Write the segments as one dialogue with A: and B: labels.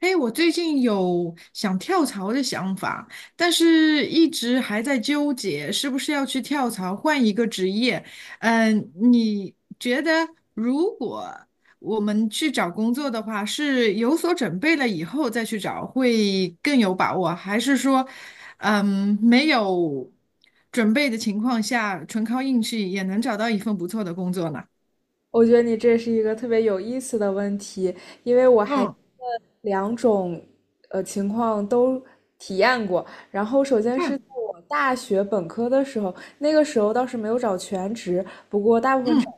A: 哎，我最近有想跳槽的想法，但是一直还在纠结是不是要去跳槽换一个职业。你觉得如果我们去找工作的话，是有所准备了以后再去找会更有把握，还是说，没有准备的情况下，纯靠运气也能找到一份不错的工作呢？
B: 我觉得你这是一个特别有意思的问题，因为我还
A: 嗯
B: 两种情况都体验过。然后首先是
A: 嗯
B: 在我大学本科的时候，那个时候倒是没有找全职，不过大部分找
A: 嗯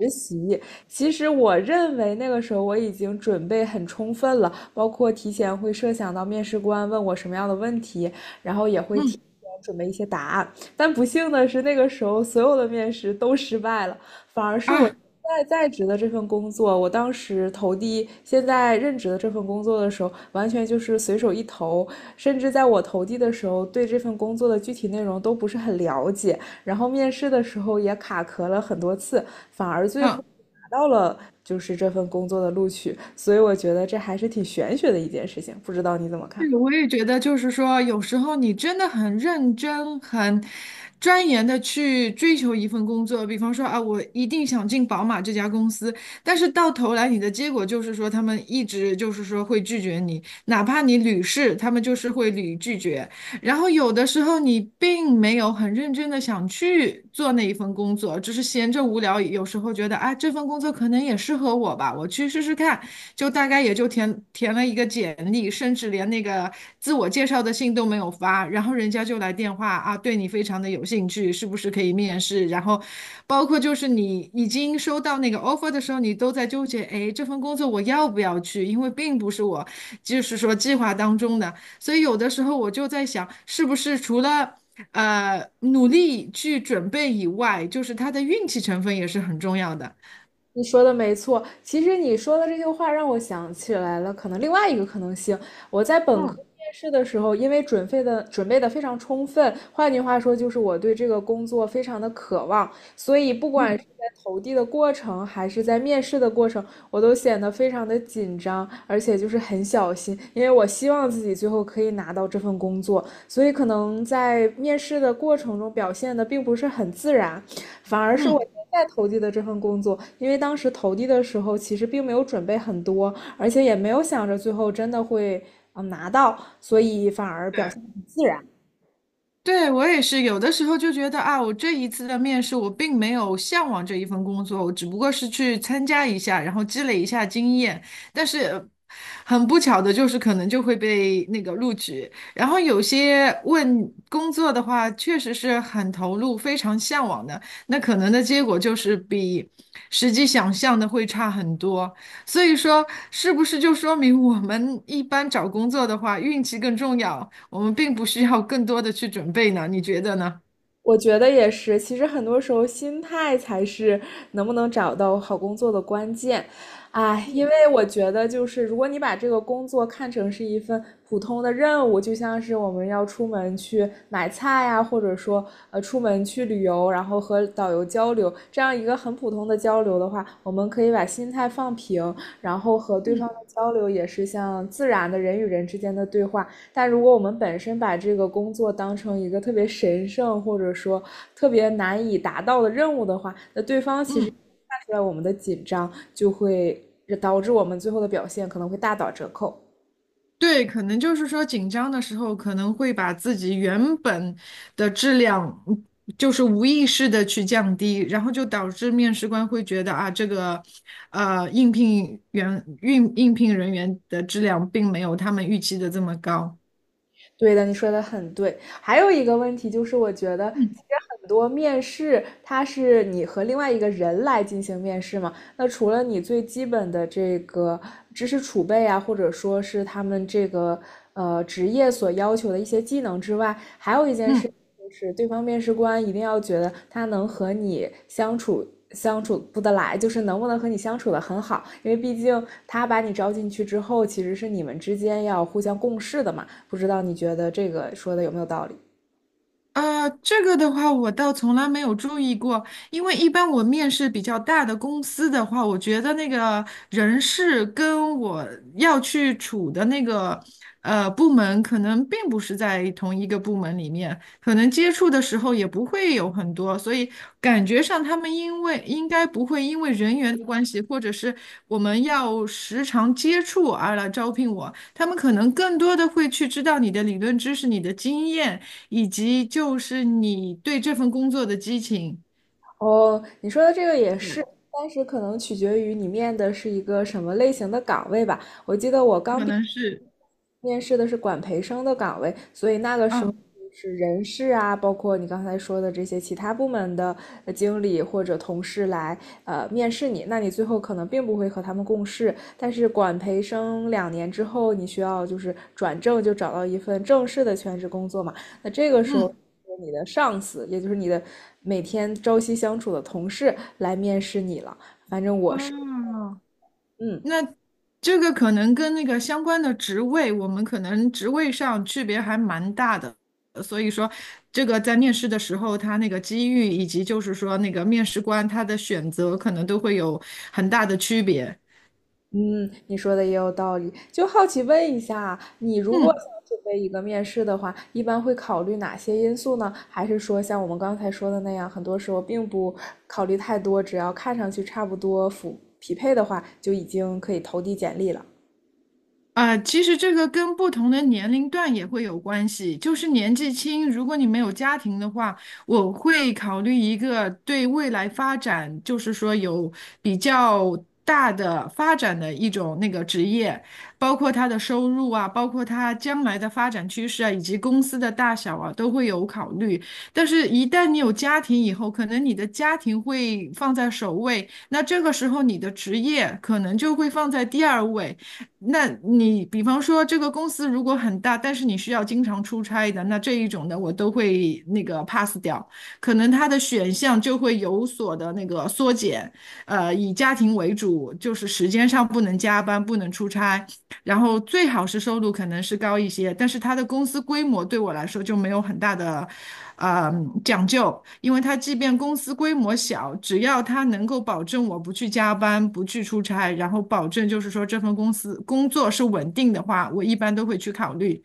B: 实习。其实我认为那个时候我已经准备很充分了，包括提前会设想到面试官问我什么样的问题，然后也会提
A: 嗯
B: 前准备一些答案。但不幸的是，那个时候所有的面试都失败了。反而是我
A: 啊。
B: 现在在职的这份工作，我当时投递现在任职的这份工作的时候，完全就是随手一投，甚至在我投递的时候，对这份工作的具体内容都不是很了解，然后面试的时候也卡壳了很多次，反而最后
A: 嗯
B: 拿到了就是这份工作的录取，所以我觉得这还是挺玄学的一件事情，不知道你怎么看？
A: 对，我也觉得，就是说，有时候你真的很认真、很钻研的去追求一份工作，比方说啊，我一定想进宝马这家公司，但是到头来你的结果就是说，他们一直就是说会拒绝你，哪怕你屡试，他们就是会屡拒绝。然后有的时候你并没有很认真的想去做那一份工作，只是闲着无聊，有时候觉得啊，这份工作可能也适合我吧，我去试试看，就大概也就填填了一个简历，甚至连那个自我介绍的信都没有发，然后人家就来电话啊，对你非常的有兴趣，是不是可以面试？然后包括就是你已经收到那个 offer 的时候，你都在纠结，哎，这份工作我要不要去？因为并不是我就是说计划当中的。所以有的时候我就在想，是不是除了努力去准备以外，就是它的运气成分也是很重要的。
B: 你说的没错，其实你说的这句话让我想起来了，可能另外一个可能性，我在本科
A: 嗯
B: 面试的时候，因为准备的非常充分，换句话说就是我对这个工作非常的渴望，所以不管是
A: 嗯
B: 在投递的过程，还是在面试的过程，我都显得非常的紧张，而且就是很小心，因为我希望自己最后可以拿到这份工作，所以可能在面试的过程中表现的并不是很自然，反而是我
A: 嗯，
B: 现在投递的这份工作，因为当时投递的时候其实并没有准备很多，而且也没有想着最后真的会拿到，所以反而表
A: 对。
B: 现很自然。
A: 对，我也是，有的时候就觉得啊，我这一次的面试，我并没有向往这一份工作，我只不过是去参加一下，然后积累一下经验。但是很不巧的就是，可能就会被那个录取。然后有些问工作的话，确实是很投入、非常向往的，那可能的结果就是比实际想象的会差很多。所以说，是不是就说明我们一般找工作的话，运气更重要？我们并不需要更多的去准备呢，你觉得呢？
B: 我觉得也是，其实很多时候心态才是能不能找到好工作的关键。哎，因为我觉得就是，如果你把这个工作看成是一份普通的任务，就像是我们要出门去买菜呀、或者说出门去旅游，然后和导游交流，这样一个很普通的交流的话，我们可以把心态放平，然后和对方
A: 嗯
B: 的交流也是像自然的人与人之间的对话，但如果我们本身把这个工作当成一个特别神圣或者说特别难以达到的任务的话，那对方其实
A: 嗯，
B: 看出来我们的紧张，就会导致我们最后的表现可能会大打折扣。
A: 对，可能就是说紧张的时候，可能会把自己原本的质量，就是无意识的去降低，然后就导致面试官会觉得啊，这个应聘员应聘人员的质量并没有他们预期的这么高。
B: 对的，你说的很对。还有一个问题就是，我觉得其实很多面试，它是你和另外一个人来进行面试嘛。那除了你最基本的这个知识储备啊，或者说是他们这个职业所要求的一些技能之外，还有一件事
A: 嗯。
B: 就是对方面试官一定要觉得他能和你相处。相处不得来，就是能不能和你相处的很好，因为毕竟他把你招进去之后，其实是你们之间要互相共事的嘛。不知道你觉得这个说的有没有道理？
A: 这个的话，我倒从来没有注意过，因为一般我面试比较大的公司的话，我觉得那个人事跟我要去处的那个部门，可能并不是在同一个部门里面，可能接触的时候也不会有很多，所以感觉上他们因为应该不会因为人员的关系，或者是我们要时常接触而来招聘我，他们可能更多的会去知道你的理论知识、你的经验。以及就是你对这份工作的激情，
B: 哦，你说的这个也是，
A: 对，
B: 但是可能取决于你面的是一个什么类型的岗位吧。我记得我刚
A: 可
B: 毕业
A: 能是
B: 面试的是管培生的岗位，所以那个时候
A: 啊，
B: 就是人事啊，包括你刚才说的这些其他部门的经理或者同事来面试你，那你最后可能并不会和他们共事。但是管培生两年之后，你需要就是转正，就找到一份正式的全职工作嘛。那这个时候，
A: 嗯，
B: 你的上司，也就是你的每天朝夕相处的同事来面试你了。反正我是，
A: 啊，
B: 嗯。
A: 那这个可能跟那个相关的职位，我们可能职位上区别还蛮大的，所以说这个在面试的时候，他那个机遇以及就是说那个面试官他的选择，可能都会有很大的区别。
B: 嗯，你说的也有道理。就好奇问一下啊，你如果
A: 嗯。
B: 想准备一个面试的话，一般会考虑哪些因素呢？还是说像我们刚才说的那样，很多时候并不考虑太多，只要看上去差不多符匹配的话，就已经可以投递简历了？
A: 啊，其实这个跟不同的年龄段也会有关系。就是年纪轻，如果你没有家庭的话，我会考虑一个对未来发展，就是说有比较大的发展的一种那个职业，包括他的收入啊，包括他将来的发展趋势啊，以及公司的大小啊，都会有考虑。但是，一旦你有家庭以后，可能你的家庭会放在首位，那这个时候你的职业可能就会放在第二位。那你比方说这个公司如果很大，但是你需要经常出差的，那这一种的我都会那个 pass 掉，可能它的选项就会有所的那个缩减，呃，以家庭为主，就是时间上不能加班，不能出差，然后最好是收入可能是高一些，但是它的公司规模对我来说就没有很大的，呃，讲究，因为它即便公司规模小，只要它能够保证我不去加班、不去出差，然后保证就是说这份公司工作是稳定的话，我一般都会去考虑。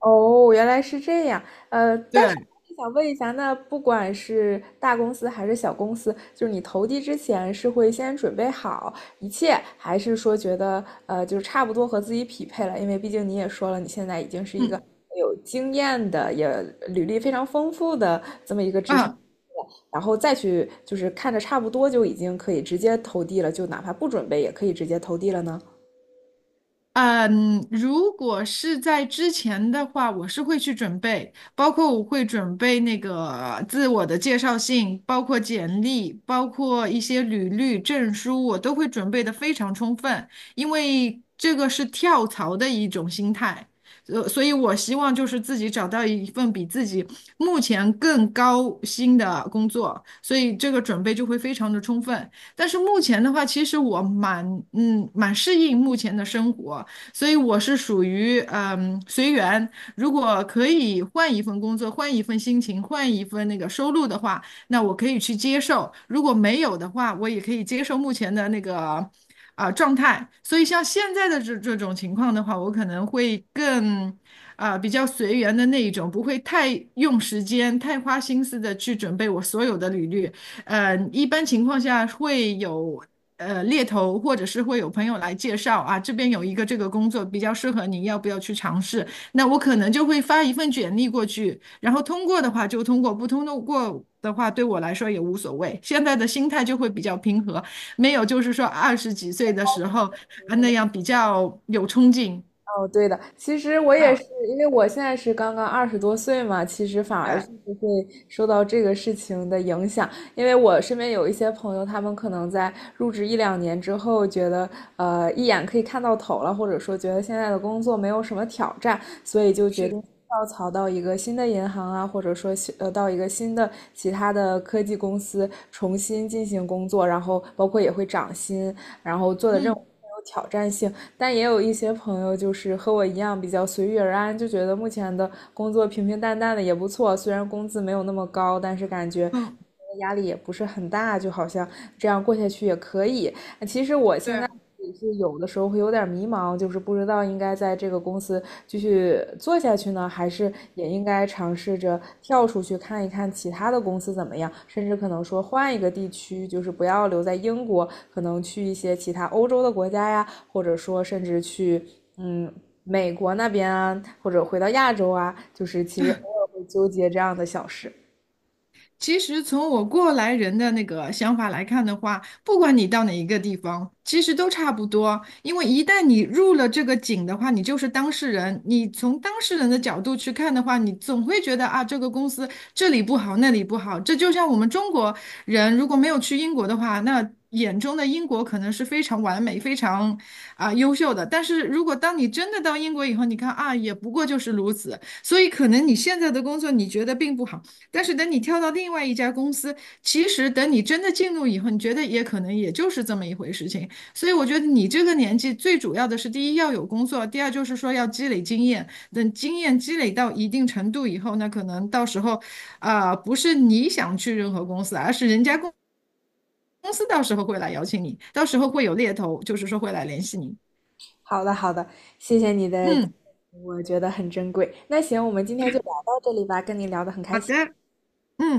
B: 哦，原来是这样。但是
A: 对，
B: 想问一下，那不管是大公司还是小公司，就是你投递之前是会先准备好一切，还是说觉得就是差不多和自己匹配了？因为毕竟你也说了，你现在已经是一个
A: 嗯。
B: 有经验的，也履历非常丰富的，
A: 啊，
B: 然后再去就是看着差不多就已经可以直接投递了，就哪怕不准备也可以直接投递了呢？
A: 嗯，如果是在之前的话，我是会去准备，包括我会准备那个自我的介绍信，包括简历，包括一些履历、证书，我都会准备的非常充分，因为这个是跳槽的一种心态，所以我希望就是自己找到一份比自己目前更高薪的工作，所以这个准备就会非常的充分。但是目前的话，其实我蛮蛮适应目前的生活。所以我是属于随缘。如果可以换一份工作，换一份心情，换一份那个收入的话，那我可以去接受；如果没有的话，我也可以接受目前的那个啊、状态。所以像现在的这种情况的话，我可能会更。啊，比较随缘的那一种，不会太用时间、太花心思的去准备我所有的履历，呃，一般情况下会有猎头，或者是会有朋友来介绍啊，这边有一个这个工作比较适合你，要不要去尝试？那我可能就会发一份简历过去，然后通过的话就通过，不通过的话对我来说也无所谓。现在的心态就会比较平和，没有就是说二十几岁的时候啊那样比较有冲劲
B: 哦，对的，其实我也是，
A: 啊，
B: 因为我现在是刚刚20多岁嘛，其实反而是
A: 对，
B: 不会受到这个事情的影响，因为我身边有一些朋友，他们可能在入职1两年之后，觉得一眼可以看到头了，或者说觉得现在的工作没有什么挑战，所以就决
A: 是，
B: 定跳槽到一个新的银行啊，或者说到一个新的其他的科技公司重新进行工作，然后包括也会涨薪，然后做的任务更
A: 嗯
B: 有挑战性，但也有一些朋友就是和我一样比较随遇而安，就觉得目前的工作平平淡淡的也不错，虽然工资没有那么高，但是感觉
A: 嗯。
B: 压力也不是很大，就好像这样过下去也可以。
A: 对。
B: 是有的时候会有点迷茫，就是不知道应该在这个公司继续做下去呢，还是也应该尝试着跳出去看一看其他的公司怎么样，甚至可能说换一个地区，就是不要留在英国，可能去一些其他欧洲的国家呀，或者说甚至去嗯美国那边啊，或者回到亚洲啊，就是其实偶尔会纠结这样的小事。
A: 其实从我过来人的那个想法来看的话，不管你到哪一个地方，其实都差不多。因为一旦你入了这个井的话，你就是当事人。你从当事人的角度去看的话，你总会觉得啊，这个公司这里不好，那里不好。这就像我们中国人如果没有去英国的话，那眼中的英国可能是非常完美、非常啊、优秀的。但是如果当你真的到英国以后，你看啊，也不过就是如此。所以可能你现在的工作你觉得并不好。但是等你跳到另外一家公司，其实等你真的进入以后，你觉得也可能也就是这么一回事情。所以我觉得你这个年纪最主要的是，第一要有工作，第二就是说要积累经验。等经验积累到一定程度以后，那可能到时候，啊、不是你想去任何公司，而是人家公司到时候会来邀请你，到时候会有猎头，就是说会来联系你。
B: 好的，好的，谢谢你的，
A: 嗯，
B: 我觉得很珍贵。那行，我们今天就聊到这里吧，跟你聊得很
A: 好
B: 开心。
A: 的，嗯。